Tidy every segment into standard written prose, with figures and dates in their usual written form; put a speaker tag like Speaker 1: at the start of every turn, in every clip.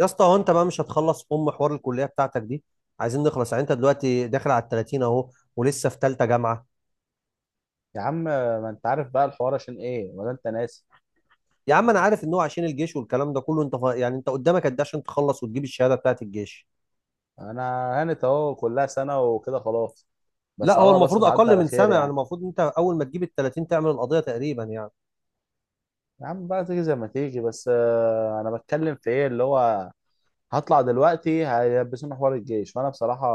Speaker 1: يا اسطى هو انت بقى مش هتخلص ام حوار الكليه بتاعتك دي؟ عايزين نخلص يعني. انت دلوقتي داخل على ال 30 اهو ولسه في ثالثه جامعه.
Speaker 2: يا عم ما انت عارف بقى الحوار عشان ايه ولا انت ناسي.
Speaker 1: يا عم انا عارف ان هو عشان الجيش والكلام ده كله. يعني انت قدامك قد ايه عشان تخلص وتجيب الشهاده بتاعت الجيش؟
Speaker 2: انا هانت اهو كلها سنه وكده خلاص. بس
Speaker 1: لا
Speaker 2: على
Speaker 1: هو
Speaker 2: الله بس
Speaker 1: المفروض
Speaker 2: تعدي
Speaker 1: اقل
Speaker 2: على
Speaker 1: من
Speaker 2: خير
Speaker 1: سنه، يعني
Speaker 2: يعني.
Speaker 1: المفروض انت اول ما تجيب ال 30 تعمل القضيه تقريبا يعني.
Speaker 2: يا عم بقى تيجي زي ما تيجي بس انا بتكلم في ايه اللي هو هطلع دلوقتي هيلبسوني حوار الجيش. وانا بصراحه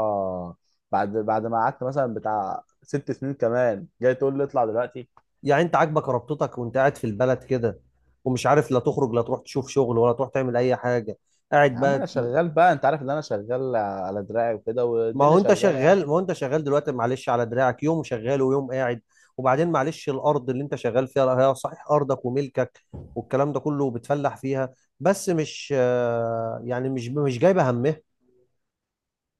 Speaker 2: بعد ما قعدت مثلا بتاع ست سنين كمان جاي تقول لي اطلع دلوقتي.
Speaker 1: يعني انت عاجبك ربطتك وانت قاعد في البلد كده، ومش عارف لا تخرج لا تروح تشوف شغل ولا تروح تعمل اي حاجه،
Speaker 2: يا
Speaker 1: قاعد
Speaker 2: عم
Speaker 1: بقى.
Speaker 2: انا شغال بقى، انت عارف ان انا شغال على دراعي وكده
Speaker 1: ما
Speaker 2: والدنيا
Speaker 1: هو انت
Speaker 2: شغاله يعني.
Speaker 1: شغال ما هو انت شغال دلوقتي، معلش، على دراعك يوم شغال ويوم قاعد. وبعدين معلش، الارض اللي انت شغال فيها هي صحيح ارضك وملكك والكلام ده كله، بتفلح فيها، بس مش يعني مش جايبه همها.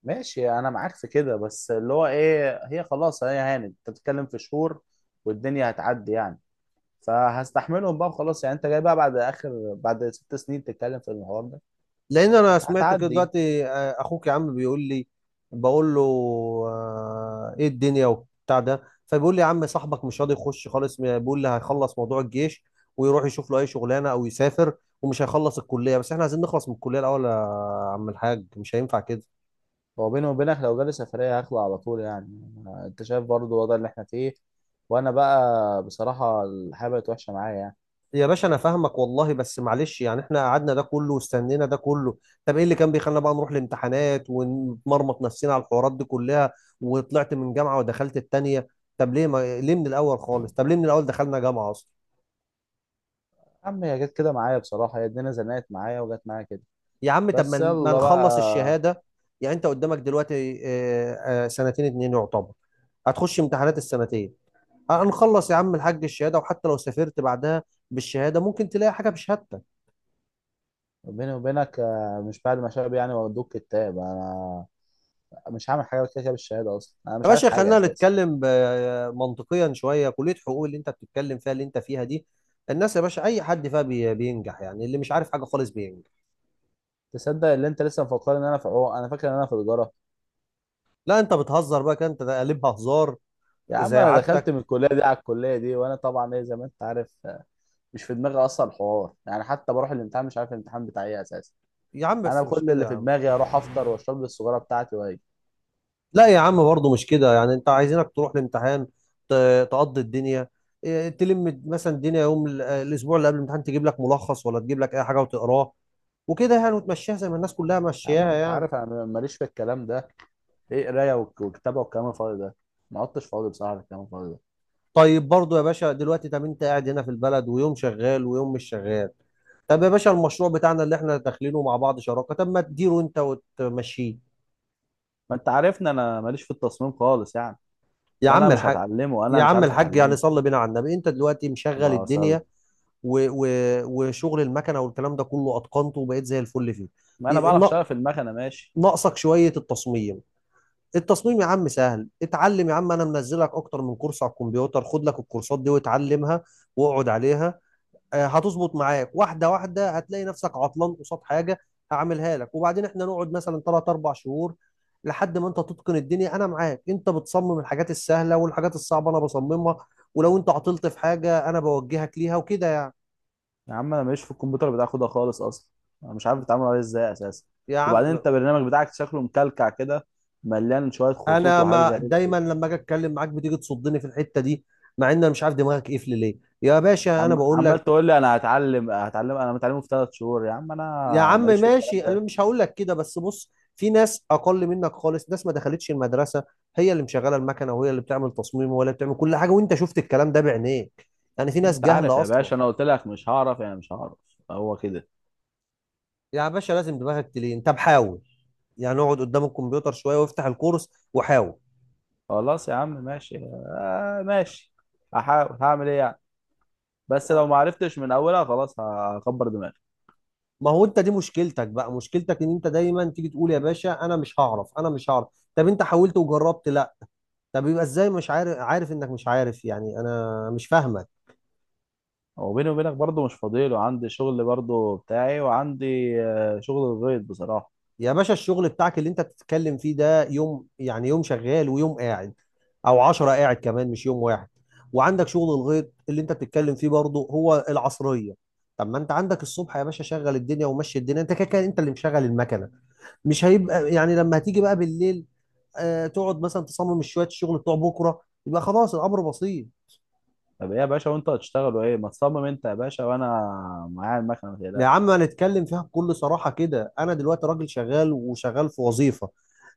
Speaker 2: ماشي انا معاك في كده، بس اللي هو ايه هي خلاص، هي هانت، انت بتتكلم في شهور والدنيا هتعدي يعني. فهستحملهم بقى وخلاص يعني. انت جاي بقى بعد اخر بعد ست سنين تتكلم في المحور ده؟
Speaker 1: لان انا سمعت كده
Speaker 2: هتعدي.
Speaker 1: دلوقتي، اخوك يا عم بيقول لي، بقول له ايه الدنيا وبتاع ده، فبيقول لي يا عم صاحبك مش راضي يخش خالص، بيقول لي هيخلص موضوع الجيش ويروح يشوف له اي شغلانه او يسافر ومش هيخلص الكليه. بس احنا عايزين نخلص من الكليه الاول يا عم الحاج، مش هينفع كده.
Speaker 2: هو بيني وبينك لو جالي سفرية هخلع على طول يعني. انت شايف برضو الوضع اللي احنا فيه، وانا بقى بصراحة الحياة بقت وحشة معايا يعني.
Speaker 1: يا باشا انا فاهمك والله، بس معلش، يعني احنا قعدنا ده كله واستنينا ده كله. طب ايه اللي كان بيخلينا بقى نروح الامتحانات ونمرمط نفسنا على الحوارات دي كلها، وطلعت من جامعة ودخلت التانية؟ طب ليه ما إيه، ليه من الاول خالص؟ طب ليه من الاول دخلنا جامعة اصلا؟
Speaker 2: يا عم هي جت كده معايا بصراحة، هي الدنيا زنقت معايا وجت معايا كده.
Speaker 1: يا عم طب
Speaker 2: بس
Speaker 1: ما
Speaker 2: يلا
Speaker 1: نخلص
Speaker 2: بقى.
Speaker 1: الشهادة. يعني انت قدامك دلوقتي، سنتين اتنين يعتبر، هتخش امتحانات السنتين، هنخلص يا عم الحاج الشهادة. وحتى لو سافرت بعدها بالشهادة ممكن تلاقي حاجة بشهادتك.
Speaker 2: بيني وبينك مش بعد ما شاب يعني وادوك كتاب. انا مش هعمل حاجه كده كده بالشهاده، اصلا انا
Speaker 1: يا
Speaker 2: مش عارف
Speaker 1: باشا
Speaker 2: حاجه
Speaker 1: خلينا
Speaker 2: اساسا.
Speaker 1: نتكلم منطقيا شويه. كليه حقوق اللي انت بتتكلم فيها اللي انت فيها دي، الناس يا باشا اي حد فيها بينجح، يعني اللي مش عارف حاجه خالص بينجح.
Speaker 2: تصدق اللي انت لسه مفكرني ان انا في عوق، انا فاكر ان انا في تجاره.
Speaker 1: لا انت بتهزر بقى كده، انت قلبها هزار
Speaker 2: يا عم
Speaker 1: زي
Speaker 2: انا دخلت من
Speaker 1: عادتك.
Speaker 2: الكليه دي على الكليه دي وانا طبعا ايه زي ما انت عارف مش في دماغي اصلا الحوار يعني. حتى بروح الامتحان مش عارف الامتحان بتاعي ايه اساسا.
Speaker 1: يا عم
Speaker 2: انا
Speaker 1: بس مش
Speaker 2: كل
Speaker 1: كده
Speaker 2: اللي
Speaker 1: يا
Speaker 2: في
Speaker 1: عم.
Speaker 2: دماغي اروح افطر واشرب لي السجاره بتاعتي واجي.
Speaker 1: لا يا عم برضه مش كده، يعني انت عايزينك تروح الامتحان تقضي الدنيا. تلم مثلا الدنيا يوم ال- اه، الاسبوع اللي قبل الامتحان تجيب لك ملخص ولا تجيب لك اي حاجه وتقراه وكده يعني، وتمشيها زي ما الناس كلها
Speaker 2: يا عم
Speaker 1: ماشياها
Speaker 2: انت
Speaker 1: يعني.
Speaker 2: عارف انا ماليش في الكلام ده، ايه قرايه وكتابه والكلام الفاضي ده. ما عدتش فاضي بصراحه للكلام الفاضي ده.
Speaker 1: طيب برضو يا باشا، دلوقتي طب انت قاعد هنا في البلد ويوم شغال ويوم مش شغال. طب يا باشا المشروع بتاعنا اللي احنا داخلينه مع بعض شراكة، طب ما تديره انت وتمشيه.
Speaker 2: ما انت عارفني انا ماليش في التصميم خالص يعني.
Speaker 1: يا
Speaker 2: وانا
Speaker 1: عم
Speaker 2: مش
Speaker 1: الحاج
Speaker 2: هتعلمه، انا
Speaker 1: يا
Speaker 2: مش
Speaker 1: عم
Speaker 2: عارف
Speaker 1: الحاج يعني
Speaker 2: اتعلمه.
Speaker 1: صلي بينا على النبي. انت دلوقتي مشغل
Speaker 2: الله.
Speaker 1: الدنيا و... و... وشغل المكنة والكلام ده كله، اتقنته وبقيت زي الفل فيه.
Speaker 2: ما انا
Speaker 1: ي-
Speaker 2: بعرف
Speaker 1: نا-
Speaker 2: اشتغل في المكنه ماشي.
Speaker 1: ناقصك شوية التصميم. التصميم يا عم سهل، اتعلم يا عم، انا منزلك اكتر من كورس على الكمبيوتر، خد لك الكورسات دي واتعلمها واقعد عليها. هتظبط معاك واحده واحده. هتلاقي نفسك عطلان قصاد حاجه، هعملها لك. وبعدين احنا نقعد مثلا ثلاث اربع شهور لحد ما انت تتقن الدنيا، انا معاك. انت بتصمم الحاجات السهله، والحاجات الصعبه انا بصممها. ولو انت عطلت في حاجه انا بوجهك ليها وكده يعني.
Speaker 2: يا عم انا ماليش في الكمبيوتر بتاعك ده خالص اصلا. انا مش عارف اتعامل عليه ازاي اساسا.
Speaker 1: يا
Speaker 2: وبعدين
Speaker 1: عم
Speaker 2: انت البرنامج بتاعك شكله مكلكع كده، مليان شويه خطوط
Speaker 1: انا
Speaker 2: وحاجات
Speaker 1: ما
Speaker 2: غريبه كده.
Speaker 1: دايما لما اجي اتكلم معاك بتيجي تصدني في الحته دي، مع ان انا مش عارف دماغك قفل ليه يا باشا. انا
Speaker 2: عم
Speaker 1: بقول
Speaker 2: عمال
Speaker 1: لك
Speaker 2: تقول لي انا هتعلم هتعلم، انا متعلمه في ثلاث شهور؟ يا عم
Speaker 1: يا
Speaker 2: انا
Speaker 1: عم
Speaker 2: ماليش في الكلام
Speaker 1: ماشي، انا
Speaker 2: ده.
Speaker 1: مش هقول لك كده، بس بص، في ناس اقل منك خالص، ناس ما دخلتش المدرسه، هي اللي مشغله المكنه وهي اللي بتعمل تصميم وهي اللي بتعمل كل حاجه، وانت شفت الكلام ده بعينيك. يعني في ناس
Speaker 2: انت عارف
Speaker 1: جهله
Speaker 2: يا
Speaker 1: اصلا.
Speaker 2: باشا انا قلت لك مش هعرف يعني مش هعرف. هو كده.
Speaker 1: يا باشا لازم دماغك تلين، طب حاول، يعني اقعد قدام الكمبيوتر شويه وافتح الكورس وحاول.
Speaker 2: خلاص يا عم ماشي. آه ماشي. هحاول هعمل ايه يعني. بس لو ما عرفتش من اولها خلاص هكبر دماغي.
Speaker 1: ما هو انت دي مشكلتك بقى، مشكلتك ان انت دايما تيجي تقول يا باشا انا مش هعرف، انا مش هعرف. طب انت حاولت وجربت؟ لا. طب يبقى ازاي مش عارف؟ عارف انك مش عارف، يعني انا مش فاهمه.
Speaker 2: هو بيني وبينك برضه مش فاضي له، عندي شغل برضه بتاعي وعندي شغل الغيط بصراحة.
Speaker 1: يا باشا الشغل بتاعك اللي انت بتتكلم فيه ده يوم، يعني يوم شغال ويوم قاعد، او عشرة قاعد كمان مش يوم واحد. وعندك شغل الغيط اللي انت بتتكلم فيه برضه، هو العصرية. طب ما انت عندك الصبح يا باشا شغل الدنيا ومشي الدنيا، انت كده كده انت اللي مشغل المكنة. مش هيبقى يعني لما هتيجي بقى بالليل تقعد مثلا تصمم شوية الشغل بتوع بكرة، يبقى خلاص الامر بسيط.
Speaker 2: طب ايه يا باشا وانت هتشتغلوا ايه؟ ما تصمم انت يا باشا وانا معايا المكنة، ما
Speaker 1: يا
Speaker 2: تقلقش.
Speaker 1: عم هنتكلم فيها بكل صراحة كده. أنا دلوقتي راجل شغال، وشغال في وظيفة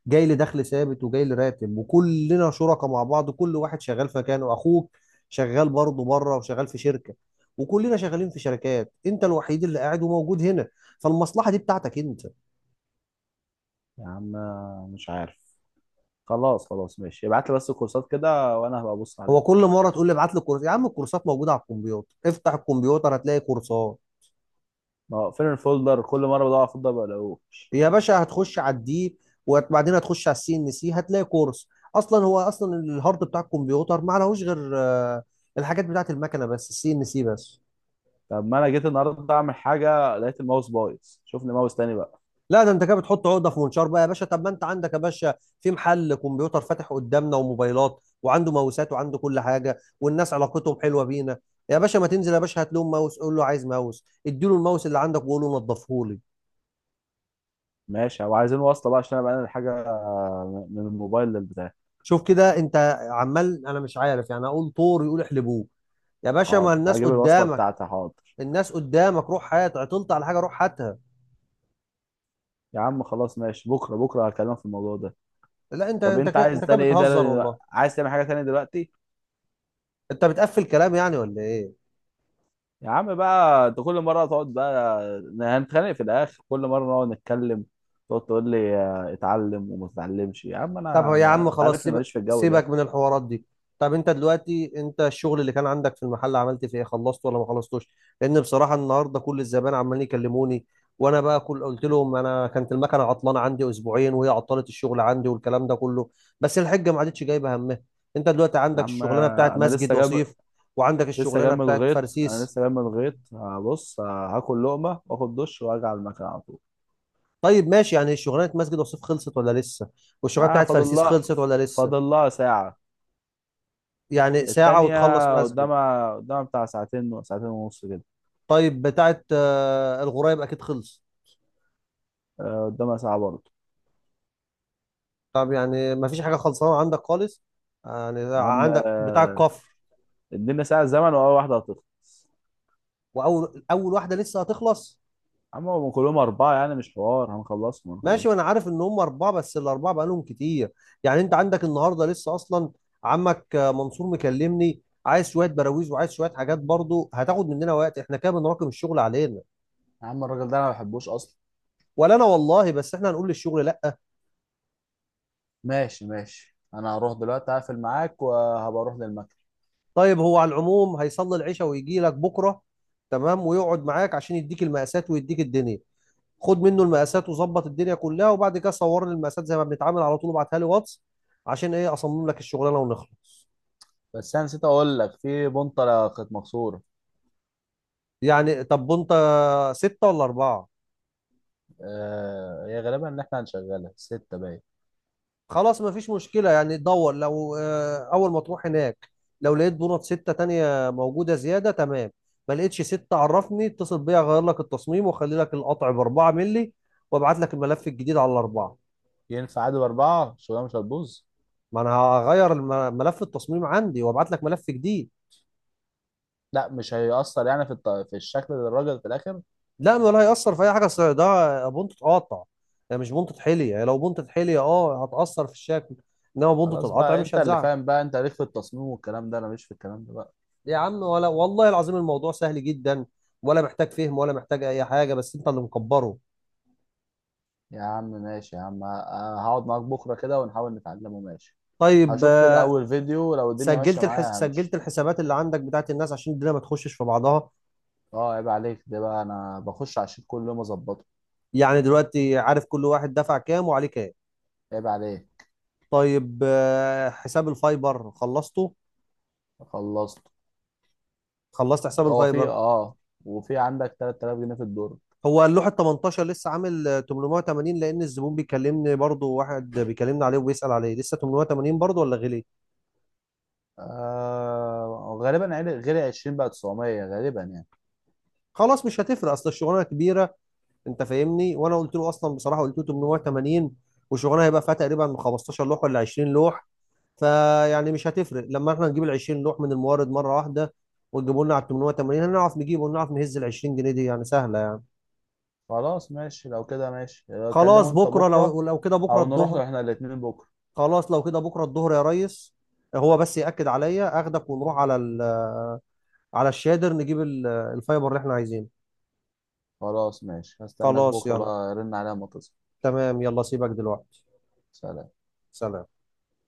Speaker 1: جاي لي دخل ثابت وجاي لي راتب، وكلنا شركاء مع بعض، كل واحد شغال في مكانه. أخوك شغال برضه بره وشغال في شركة، وكلنا شغالين في شركات، أنت الوحيد اللي قاعد وموجود هنا، فالمصلحة دي بتاعتك أنت.
Speaker 2: يا عم مش عارف. خلاص خلاص ماشي، ابعت لي بس الكورسات كده وانا هبقى ابص عليها.
Speaker 1: هو كل مرة تقول لي ابعت لي الكورس، يا عم الكورسات موجودة على الكمبيوتر، افتح الكمبيوتر هتلاقي كورسات.
Speaker 2: ما هو فين الفولدر؟ كل مرة بدور على الفولدر ما بلاقوش.
Speaker 1: يا باشا هتخش على الدي وبعدين هتخش على السي ان سي هتلاقي كورس. اصلا هو اصلا الهارد بتاع الكمبيوتر ما لهوش غير الحاجات بتاعت المكنه، بس السي ان سي بس.
Speaker 2: طب ما انا جيت النهارده اعمل حاجة لقيت الماوس بايظ، شوف لي ماوس تاني بقى.
Speaker 1: لا ده انت كده بتحط عقده في منشار بقى يا باشا. طب ما انت عندك يا باشا في محل كمبيوتر فاتح قدامنا وموبايلات، وعنده ماوسات وعنده كل حاجه والناس علاقتهم حلوه بينا. يا باشا ما تنزل يا باشا، هات لهم ماوس قول له عايز ماوس، اديله الماوس اللي عندك وقول له نضفه لي.
Speaker 2: ماشي، هو عايزين وصلة بقى عشان انا بقى الحاجة من الموبايل للبتاع.
Speaker 1: شوف كده انت، عمال انا مش عارف يعني، اقول طور يقول احلبوه. يا باشا ما
Speaker 2: حاضر
Speaker 1: الناس
Speaker 2: هجيب الوصلة
Speaker 1: قدامك،
Speaker 2: بتاعتي، حاضر.
Speaker 1: الناس قدامك، روح، هات، عطلت على حاجه روح هاتها.
Speaker 2: يا عم خلاص ماشي، بكره بكره هكلمك في الموضوع ده.
Speaker 1: لا انت
Speaker 2: طب
Speaker 1: انت
Speaker 2: انت
Speaker 1: كده انت
Speaker 2: عايز
Speaker 1: كده
Speaker 2: تاني ايه؟
Speaker 1: بتهزر
Speaker 2: ده
Speaker 1: والله.
Speaker 2: عايز تعمل حاجه تانية دلوقتي؟
Speaker 1: انت بتقفل كلام يعني ولا ايه؟
Speaker 2: يا عم بقى انت كل مره تقعد بقى هنتخانق في الاخر، كل مره نقعد نتكلم تقعد تقول لي اتعلم وما تتعلمش. يا عم
Speaker 1: طب هو
Speaker 2: انا
Speaker 1: يا
Speaker 2: ما...
Speaker 1: عم
Speaker 2: انت
Speaker 1: خلاص،
Speaker 2: عارفني
Speaker 1: سيبك
Speaker 2: ماليش في الجو
Speaker 1: سيبك
Speaker 2: ده.
Speaker 1: من الحوارات دي. طب انت دلوقتي انت الشغل اللي كان عندك في المحل عملت فيه ايه؟ خلصته ولا ما خلصتوش؟ لان بصراحه النهارده كل الزبائن عمالين يكلموني، وانا بقى كل قلت لهم انا كانت المكنه عطلانه عندي اسبوعين وهي عطلت الشغل عندي والكلام ده كله، بس الحجه ما عادتش جايبه همها. انت دلوقتي
Speaker 2: يا
Speaker 1: عندك
Speaker 2: عم
Speaker 1: الشغلانه بتاعت
Speaker 2: انا
Speaker 1: مسجد
Speaker 2: لسه جاب.
Speaker 1: وصيف، وعندك
Speaker 2: لسه جاي
Speaker 1: الشغلانه
Speaker 2: من
Speaker 1: بتاعت
Speaker 2: الغيط، انا
Speaker 1: فرسيس.
Speaker 2: لسه جاي من الغيط. هبص هاكل لقمه واخد دش وارجع على المكان على طول.
Speaker 1: طيب ماشي، يعني شغلانه مسجد وصيف خلصت ولا لسه؟ والشغلانه
Speaker 2: اه
Speaker 1: بتاعت
Speaker 2: فاضل
Speaker 1: فرسيس
Speaker 2: لها،
Speaker 1: خلصت ولا لسه؟
Speaker 2: فاضل لها ساعه.
Speaker 1: يعني ساعه وتخلص
Speaker 2: التانية
Speaker 1: مسجد.
Speaker 2: قدامها، قدامها بتاع ساعتين ساعتين ونص كده.
Speaker 1: طيب بتاعت الغرايب اكيد خلص.
Speaker 2: قدامها ساعة برضه.
Speaker 1: طب يعني ما فيش حاجه خلصانه عندك خالص، يعني
Speaker 2: يا عم
Speaker 1: عندك بتاع الكفر.
Speaker 2: ادينا ساعة زمن وأول واحدة هتخلص.
Speaker 1: واول اول واحده لسه هتخلص؟
Speaker 2: يا عم هم كلهم أربعة يعني، مش حوار، هنخلصهم
Speaker 1: ماشي.
Speaker 2: هنخلصهم.
Speaker 1: وانا عارف ان هم اربعه، بس الاربعه بقالهم كتير. يعني انت عندك النهارده لسه اصلا عمك منصور مكلمني، عايز شويه براويز وعايز شويه حاجات برضو، هتاخد مننا وقت. احنا كده بنراكم الشغل علينا.
Speaker 2: يا عم الراجل ده انا ما بحبوش اصلا.
Speaker 1: ولا انا والله، بس احنا هنقول للشغل لا؟
Speaker 2: ماشي ماشي، انا هروح دلوقتي هقفل معاك وهبقى اروح للمكتب.
Speaker 1: طيب هو على العموم هيصلي العشاء ويجي لك بكره، تمام، ويقعد معاك عشان يديك المقاسات ويديك الدنيا. خد منه المقاسات وظبط الدنيا كلها، وبعد كده صور لي المقاسات زي ما بنتعامل على طول وابعتها لي واتس، عشان ايه اصمم لك الشغلانه ونخلص.
Speaker 2: بس انا نسيت اقول لك في بنطلة كانت مكسورة.
Speaker 1: يعني طب وانت ستة ولا أربعة؟
Speaker 2: آه هي غالبا ان احنا هنشغلها ستة باين.
Speaker 1: خلاص مفيش مشكلة، يعني دور لو أول ما تروح هناك، لو لقيت دونات ستة تانية موجودة زيادة تمام، ما لقيتش ستة عرفني، اتصل بيا أغير لك التصميم وأخلي لك القطع بأربعة ملي وأبعت لك الملف الجديد على الأربعة.
Speaker 2: ينفع عادي باربعة؟ الشغلانة مش هتبوظ؟
Speaker 1: ما انا هغير ملف التصميم عندي وابعت لك ملف جديد.
Speaker 2: لا مش هيأثر يعني في في الشكل للراجل في الاخر.
Speaker 1: لا ولا هيأثر في اي حاجه، اصل ده بونت اتقطع، يعني مش بونت حلي. يعني لو بونت حلي هتأثر في الشكل، انما بونت
Speaker 2: خلاص
Speaker 1: القطع
Speaker 2: بقى
Speaker 1: مش
Speaker 2: انت اللي
Speaker 1: هتزعل.
Speaker 2: فاهم بقى، انت ليك في التصميم والكلام ده، انا مش في الكلام ده بقى.
Speaker 1: يا عم ولا والله العظيم الموضوع سهل جدا، ولا محتاج فهم ولا محتاج اي حاجه، بس انت اللي مكبره.
Speaker 2: يا عم ماشي يا عم، هقعد معاك بكرة كده ونحاول نتعلمه ماشي.
Speaker 1: طيب
Speaker 2: هشوف كده أول فيديو لو الدنيا ماشية معايا
Speaker 1: سجلت
Speaker 2: همشي.
Speaker 1: الحسابات اللي عندك بتاعت الناس عشان الدنيا ما تخشش في بعضها؟
Speaker 2: اه عيب عليك، ده بقى أنا بخش على الشيت كل يوم أظبطه.
Speaker 1: يعني دلوقتي عارف كل واحد دفع كام وعليه كام؟
Speaker 2: عيب عليك.
Speaker 1: طيب حساب الفايبر خلصته؟
Speaker 2: خلصت.
Speaker 1: خلصت حساب
Speaker 2: هو في
Speaker 1: الفايبر.
Speaker 2: اه وفي عندك 3,000 جنيه في الدور.
Speaker 1: هو اللوحة 18 لسه عامل 880، لأن الزبون بيكلمني برضه، واحد بيكلمني عليه وبيسأل عليه، لسه 880 برضه ولا غلي؟
Speaker 2: آه غالبا غير 20 بقى 900 غالبا يعني.
Speaker 1: خلاص مش هتفرق، أصل الشغلانة كبيرة، أنت فاهمني، وأنا قلت له أصلا، بصراحة قلت له 880، والشغلانة هيبقى فيها تقريبا 15 لوح ولا 20 لوح. فيعني مش هتفرق لما احنا نجيب ال 20 لوح من المورد مرة واحده، وتجيبوا لنا على 880، هنعرف نجيبه ونعرف نهز ال 20 جنيه دي، يعني سهله يعني.
Speaker 2: خلاص ماشي لو كده ماشي،
Speaker 1: خلاص
Speaker 2: كلمه انت
Speaker 1: بكره،
Speaker 2: بكرة.
Speaker 1: لو كده بكره
Speaker 2: أو نروح
Speaker 1: الظهر.
Speaker 2: له احنا الاتنين بكرة.
Speaker 1: خلاص لو كده بكره الظهر يا ريس، هو بس ياكد عليا، اخدك ونروح على الشادر نجيب الفايبر اللي احنا عايزينه.
Speaker 2: خلاص ماشي هستناك
Speaker 1: خلاص
Speaker 2: بكرة
Speaker 1: يلا،
Speaker 2: بقى، رن عليا أما تصل.
Speaker 1: تمام يلا، سيبك دلوقتي.
Speaker 2: سلام.
Speaker 1: سلام.